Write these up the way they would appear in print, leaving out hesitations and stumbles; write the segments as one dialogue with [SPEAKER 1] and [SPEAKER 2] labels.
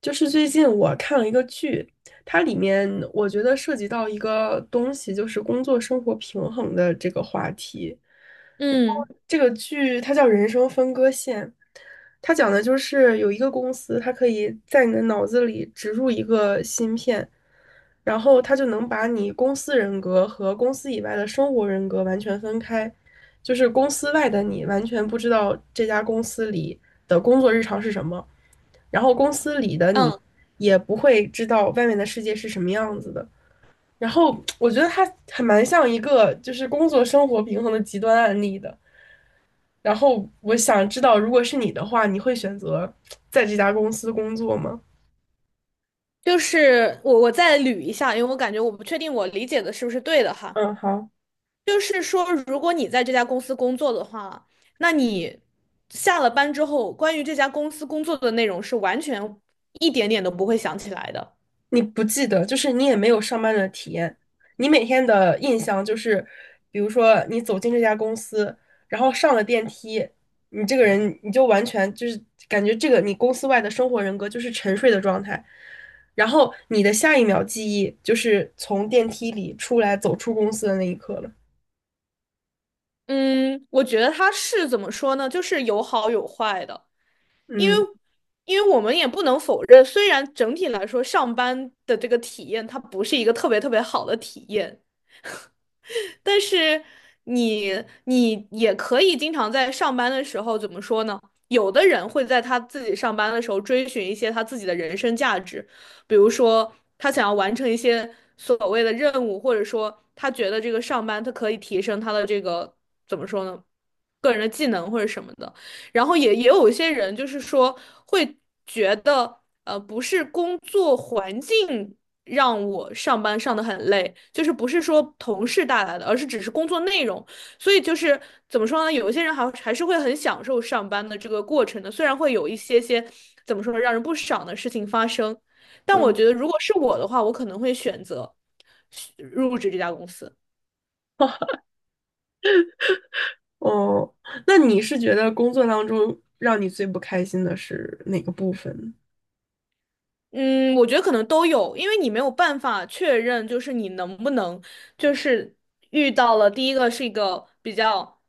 [SPEAKER 1] 就是最近我看了一个剧，它里面我觉得涉及到一个东西，就是工作生活平衡的这个话题。
[SPEAKER 2] 嗯
[SPEAKER 1] 这个剧它叫《人生分割线》，它讲的就是有一个公司，它可以在你的脑子里植入一个芯片，然后他就能把你公司人格和公司以外的生活人格完全分开，就是公司外的你完全不知道这家公司里的工作日常是什么，然后公司里的你
[SPEAKER 2] 嗯，
[SPEAKER 1] 也不会知道外面的世界是什么样子的。然后我觉得它还蛮像一个就是工作生活平衡的极端案例的。然后我想知道，如果是你的话，你会选择在这家公司工作吗？
[SPEAKER 2] 就是我再捋一下，因为我感觉我不确定我理解的是不是对的哈。
[SPEAKER 1] 嗯，好。
[SPEAKER 2] 就是说，如果你在这家公司工作的话，那你下了班之后，关于这家公司工作的内容是完全一点点都不会想起来的。
[SPEAKER 1] 你不记得，就是你也没有上班的体验。你每天的印象就是，比如说你走进这家公司，然后上了电梯，你这个人你就完全就是感觉这个你公司外的生活人格就是沉睡的状态，然后你的下一秒记忆就是从电梯里出来走出公司的那一刻了。
[SPEAKER 2] 嗯，我觉得它是怎么说呢？就是有好有坏的，因为
[SPEAKER 1] 嗯
[SPEAKER 2] 因为我们也不能否认，虽然整体来说上班的这个体验它不是一个特别特别好的体验。但是你你也可以经常在上班的时候，怎么说呢？有的人会在他自己上班的时候追寻一些他自己的人生价值，比如说他想要完成一些所谓的任务，或者说他觉得这个上班他可以提升他的这个怎么说呢？个人的技能或者什么的。然后也有一些人就是说会觉得，不是工作环境让我上班上得很累，就是不是说同事带来的，而是只是工作内容。所以就是怎么说呢？有一些人还是会很享受上班的这个过程的，虽然会有一些些怎么说呢，让人不爽的事情发生，但我
[SPEAKER 1] 嗯，
[SPEAKER 2] 觉得如果是我的话，我可能会选择入职这家公司。
[SPEAKER 1] 哦，那你是觉得工作当中让你最不开心的是哪个部分呢？
[SPEAKER 2] 嗯，我觉得可能都有，因为你没有办法确认，就是你能不能，就是遇到了第一个是一个比较，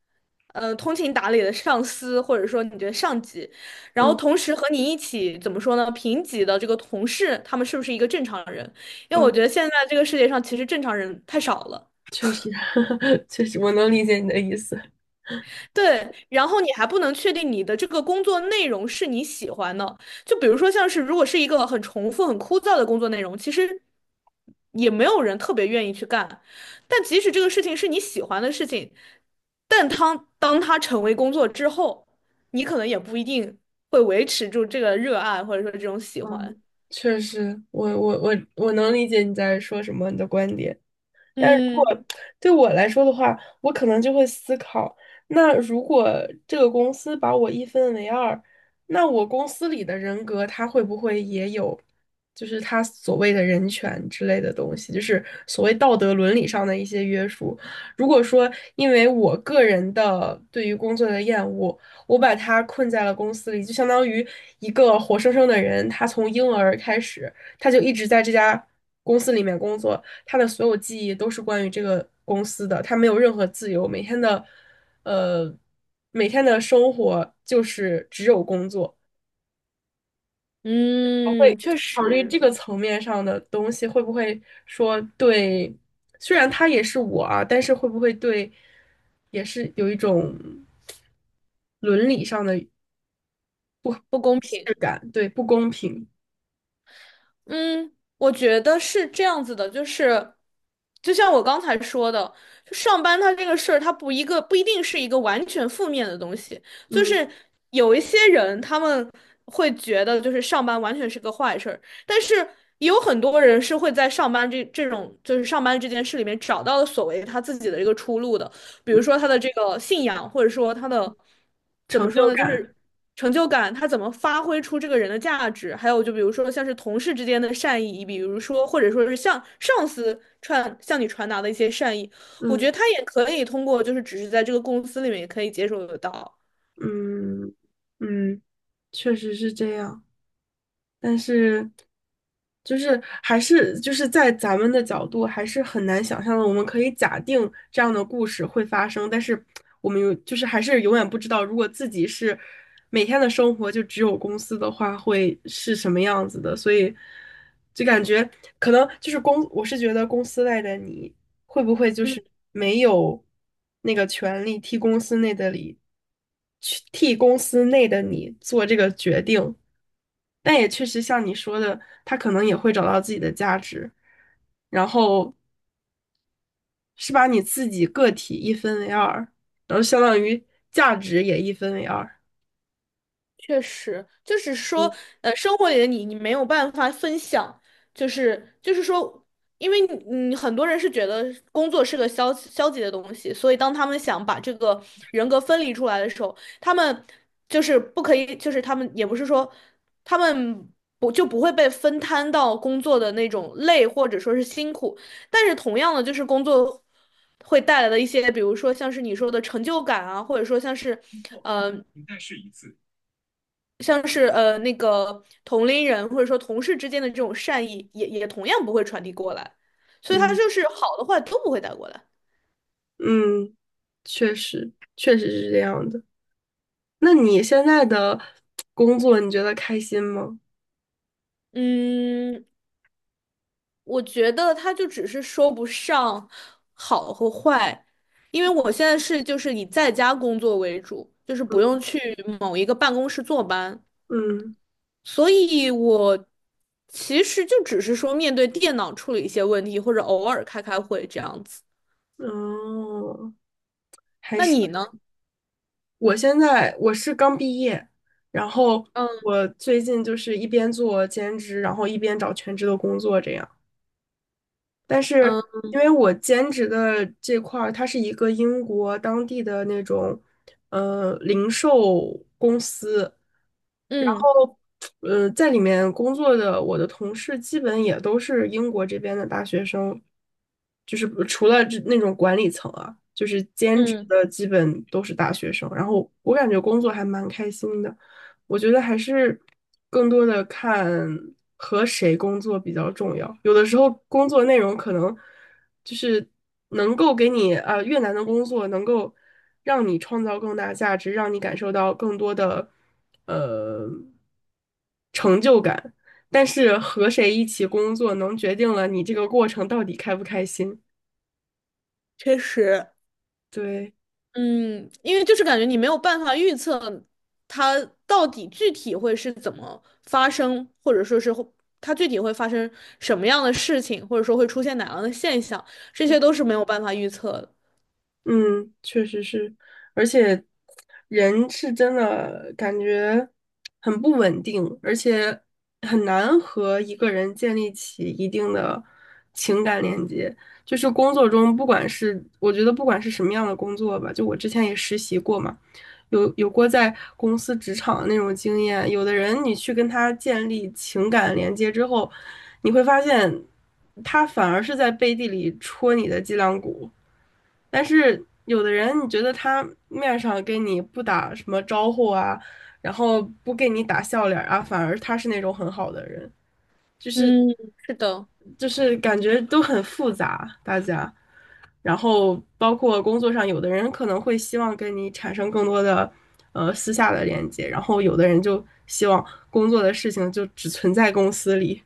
[SPEAKER 2] 通情达理的上司，或者说你觉得上级，然后同
[SPEAKER 1] 嗯
[SPEAKER 2] 时和你一起怎么说呢，平级的这个同事，他们是不是一个正常人？因为我觉
[SPEAKER 1] 嗯
[SPEAKER 2] 得现在这个世界上其实正常人太少了。
[SPEAKER 1] 确实，确实，我能理解你的意思。
[SPEAKER 2] 对，然后你还不能确定你的这个工作内容是你喜欢的，就比如说像是如果是一个很重复、很枯燥的工作内容，其实也没有人特别愿意去干。但即使这个事情是你喜欢的事情，但当它成为工作之后，你可能也不一定会维持住这个热爱或者说这种喜欢。
[SPEAKER 1] 嗯确实，我能理解你在说什么，你的观点。但
[SPEAKER 2] 嗯
[SPEAKER 1] 对我来说的话，我可能就会思考，那如果这个公司把我一分为二，那我公司里的人格他会不会也有，就是他所谓的人权之类的东西，就是所谓道德伦理上的一些约束。如果说因为我个人的对于工作的厌恶，我把他困在了公司里，就相当于一个活生生的人，他从婴儿开始，他就一直在这家公司里面工作。他的所有记忆都是关于这个公司的，他没有任何自由，每天的，呃，每天的生活就是只有工作。我会
[SPEAKER 2] 嗯，确
[SPEAKER 1] 考虑
[SPEAKER 2] 实
[SPEAKER 1] 这个层面上的东西，会不会说对，虽然他也是我啊，但是会不会对，也是有一种伦理上的
[SPEAKER 2] 不公
[SPEAKER 1] 质
[SPEAKER 2] 平。
[SPEAKER 1] 感，对，不公平，
[SPEAKER 2] 嗯，我觉得是这样子的，就是，就像我刚才说的，就上班它这个事儿，它不一定是一个完全负面的东西，就
[SPEAKER 1] 嗯
[SPEAKER 2] 是有一些人他们会觉得就是上班完全是个坏事儿，但是也有很多人是会在上班这种就是上班这件事里面找到了所谓他自己的一个出路的，比如
[SPEAKER 1] 嗯，
[SPEAKER 2] 说他的这个信仰，或者说他的怎
[SPEAKER 1] 成
[SPEAKER 2] 么说
[SPEAKER 1] 就
[SPEAKER 2] 呢，就
[SPEAKER 1] 感，
[SPEAKER 2] 是成就感，他怎么发挥出这个人的价值，还有就比如说像是同事之间的善意，比如说或者说是向你传达的一些善意，我觉
[SPEAKER 1] 嗯
[SPEAKER 2] 得他也可以通过就是只是在这个公司里面也可以接受得到。
[SPEAKER 1] 嗯嗯，确实是这样。但是，就是还是就是在咱们的角度，还是很难想象的。我们可以假定这样的故事会发生，但是我们有就是还是永远不知道，如果自己是每天的生活就只有公司的话，会是什么样子的。所以，就感觉可能就是公，我是觉得公司外的你会不会就
[SPEAKER 2] 嗯。
[SPEAKER 1] 是没有那个权利替公司内的你去替公司内的你做这个决定。但也确实像你说的，他可能也会找到自己的价值，然后是把你自己个体一分为二，然后相当于价值也一分为二。
[SPEAKER 2] 确实，就是说，生活里的你，你没有办法分享，就是说，因为你，你很多人是觉得工作是个消极的东西，所以当他们想把这个人格分离出来的时候，他们就是不可以，就是他们也不是说他们不会被分摊到工作的那种累或者说是辛苦，但是同样的，就是工作会带来的一些，比如说像是你说的成就感啊，或者说像是。嗯。像是那个同龄人或者说同事之间的这种善意也，也同样不会传递过来，所以他
[SPEAKER 1] 嗯
[SPEAKER 2] 就是好的坏都不会带过来。
[SPEAKER 1] 嗯，确实确实是这样的。那你现在的工作，你觉得开心吗？
[SPEAKER 2] 嗯，我觉得他就只是说不上好和坏，因为我现在是就是以在家工作为主，就是不用去某一个办公室坐班，
[SPEAKER 1] 嗯
[SPEAKER 2] 所以我其实就只是说面对电脑处理一些问题，或者偶尔开开会这样子。
[SPEAKER 1] 嗯哦，还
[SPEAKER 2] 那
[SPEAKER 1] 是
[SPEAKER 2] 你呢？
[SPEAKER 1] 我现在我是刚毕业，然后
[SPEAKER 2] 嗯
[SPEAKER 1] 我最近就是一边做兼职，然后一边找全职的工作这样。但是
[SPEAKER 2] 嗯
[SPEAKER 1] 因为我兼职的这块儿，它是一个英国当地的那种，零售公司，然
[SPEAKER 2] 嗯
[SPEAKER 1] 后，在里面工作的我的同事基本也都是英国这边的大学生，就是除了这那种管理层啊，就是兼职
[SPEAKER 2] 嗯。
[SPEAKER 1] 的基本都是大学生，然后我感觉工作还蛮开心的。我觉得还是更多的看和谁工作比较重要。有的时候工作内容可能就是能够给你啊、越难的工作能够让你创造更大价值，让你感受到更多的呃成就感。但是和谁一起工作，能决定了你这个过程到底开不开心。
[SPEAKER 2] 确实，
[SPEAKER 1] 对。
[SPEAKER 2] 嗯，因为就是感觉你没有办法预测它到底具体会是怎么发生，或者说是会它具体会发生什么样的事情，或者说会出现哪样的现象，这些都是没有办法预测的。
[SPEAKER 1] 嗯，确实是，而且人是真的感觉很不稳定，而且很难和一个人建立起一定的情感连接。就是工作中，不管是我觉得不管是什么样的工作吧，就我之前也实习过嘛，有过在公司职场的那种经验。有的人你去跟他建立情感连接之后，你会发现他反而是在背地里戳你的脊梁骨。但是有的人，你觉得他面上跟你不打什么招呼啊，然后不给你打笑脸啊，反而他是那种很好的人。
[SPEAKER 2] 嗯，是的，
[SPEAKER 1] 就是感觉都很复杂，大家。然后包括工作上，有的人可能会希望跟你产生更多的私下的连接，然后有的人就希望工作的事情就只存在公司里。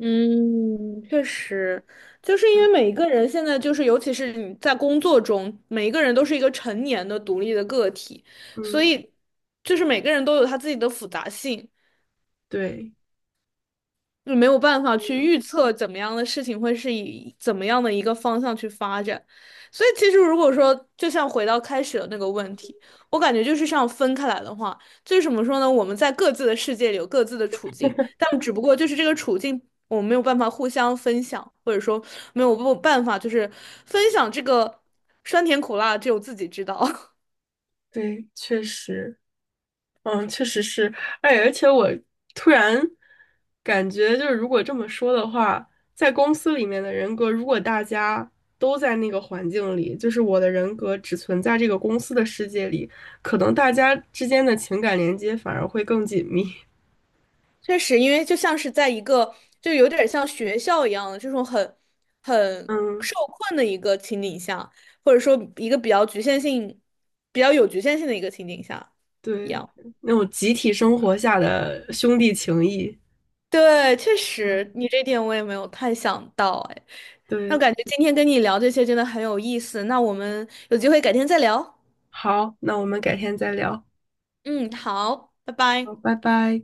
[SPEAKER 2] 嗯，确实，就是因为每一个人现在就是，尤其是你在工作中，每一个人都是一个成年的独立的个体，所
[SPEAKER 1] 嗯，
[SPEAKER 2] 以就是每个人都有他自己的复杂性。
[SPEAKER 1] 对
[SPEAKER 2] 就没有办法去预测怎么样的事情会是以怎么样的一个方向去发展。所以其实如果说，就像回到开始的那个问题，我感觉就是像分开来的话，就是怎么说呢？我们在各自的世界里有各自的处境，但只不过就是这个处境。我们没有办法互相分享，或者说没有办法，就是分享这个酸甜苦辣，只有自己知道。
[SPEAKER 1] 对，确实。嗯，确实是，哎，而且我突然感觉，就是如果这么说的话，在公司里面的人格，如果大家都在那个环境里，就是我的人格只存在这个公司的世界里，可能大家之间的情感连接反而会更紧密。
[SPEAKER 2] 确实，因为就像是在一个，就有点像学校一样的这种很
[SPEAKER 1] 嗯，
[SPEAKER 2] 受困的一个情景下，或者说一个比较局限性、比较有局限性的一个情景下一
[SPEAKER 1] 对，
[SPEAKER 2] 样。
[SPEAKER 1] 那种集体生活下的兄弟情谊。
[SPEAKER 2] 对，确
[SPEAKER 1] 嗯，
[SPEAKER 2] 实，你这点我也没有太想到，哎，那
[SPEAKER 1] 对，
[SPEAKER 2] 感觉今天跟你聊这些真的很有意思。那我们有机会改天再聊。
[SPEAKER 1] 好，那我们改天再聊，
[SPEAKER 2] 嗯，好，拜
[SPEAKER 1] 好，
[SPEAKER 2] 拜。
[SPEAKER 1] 拜拜。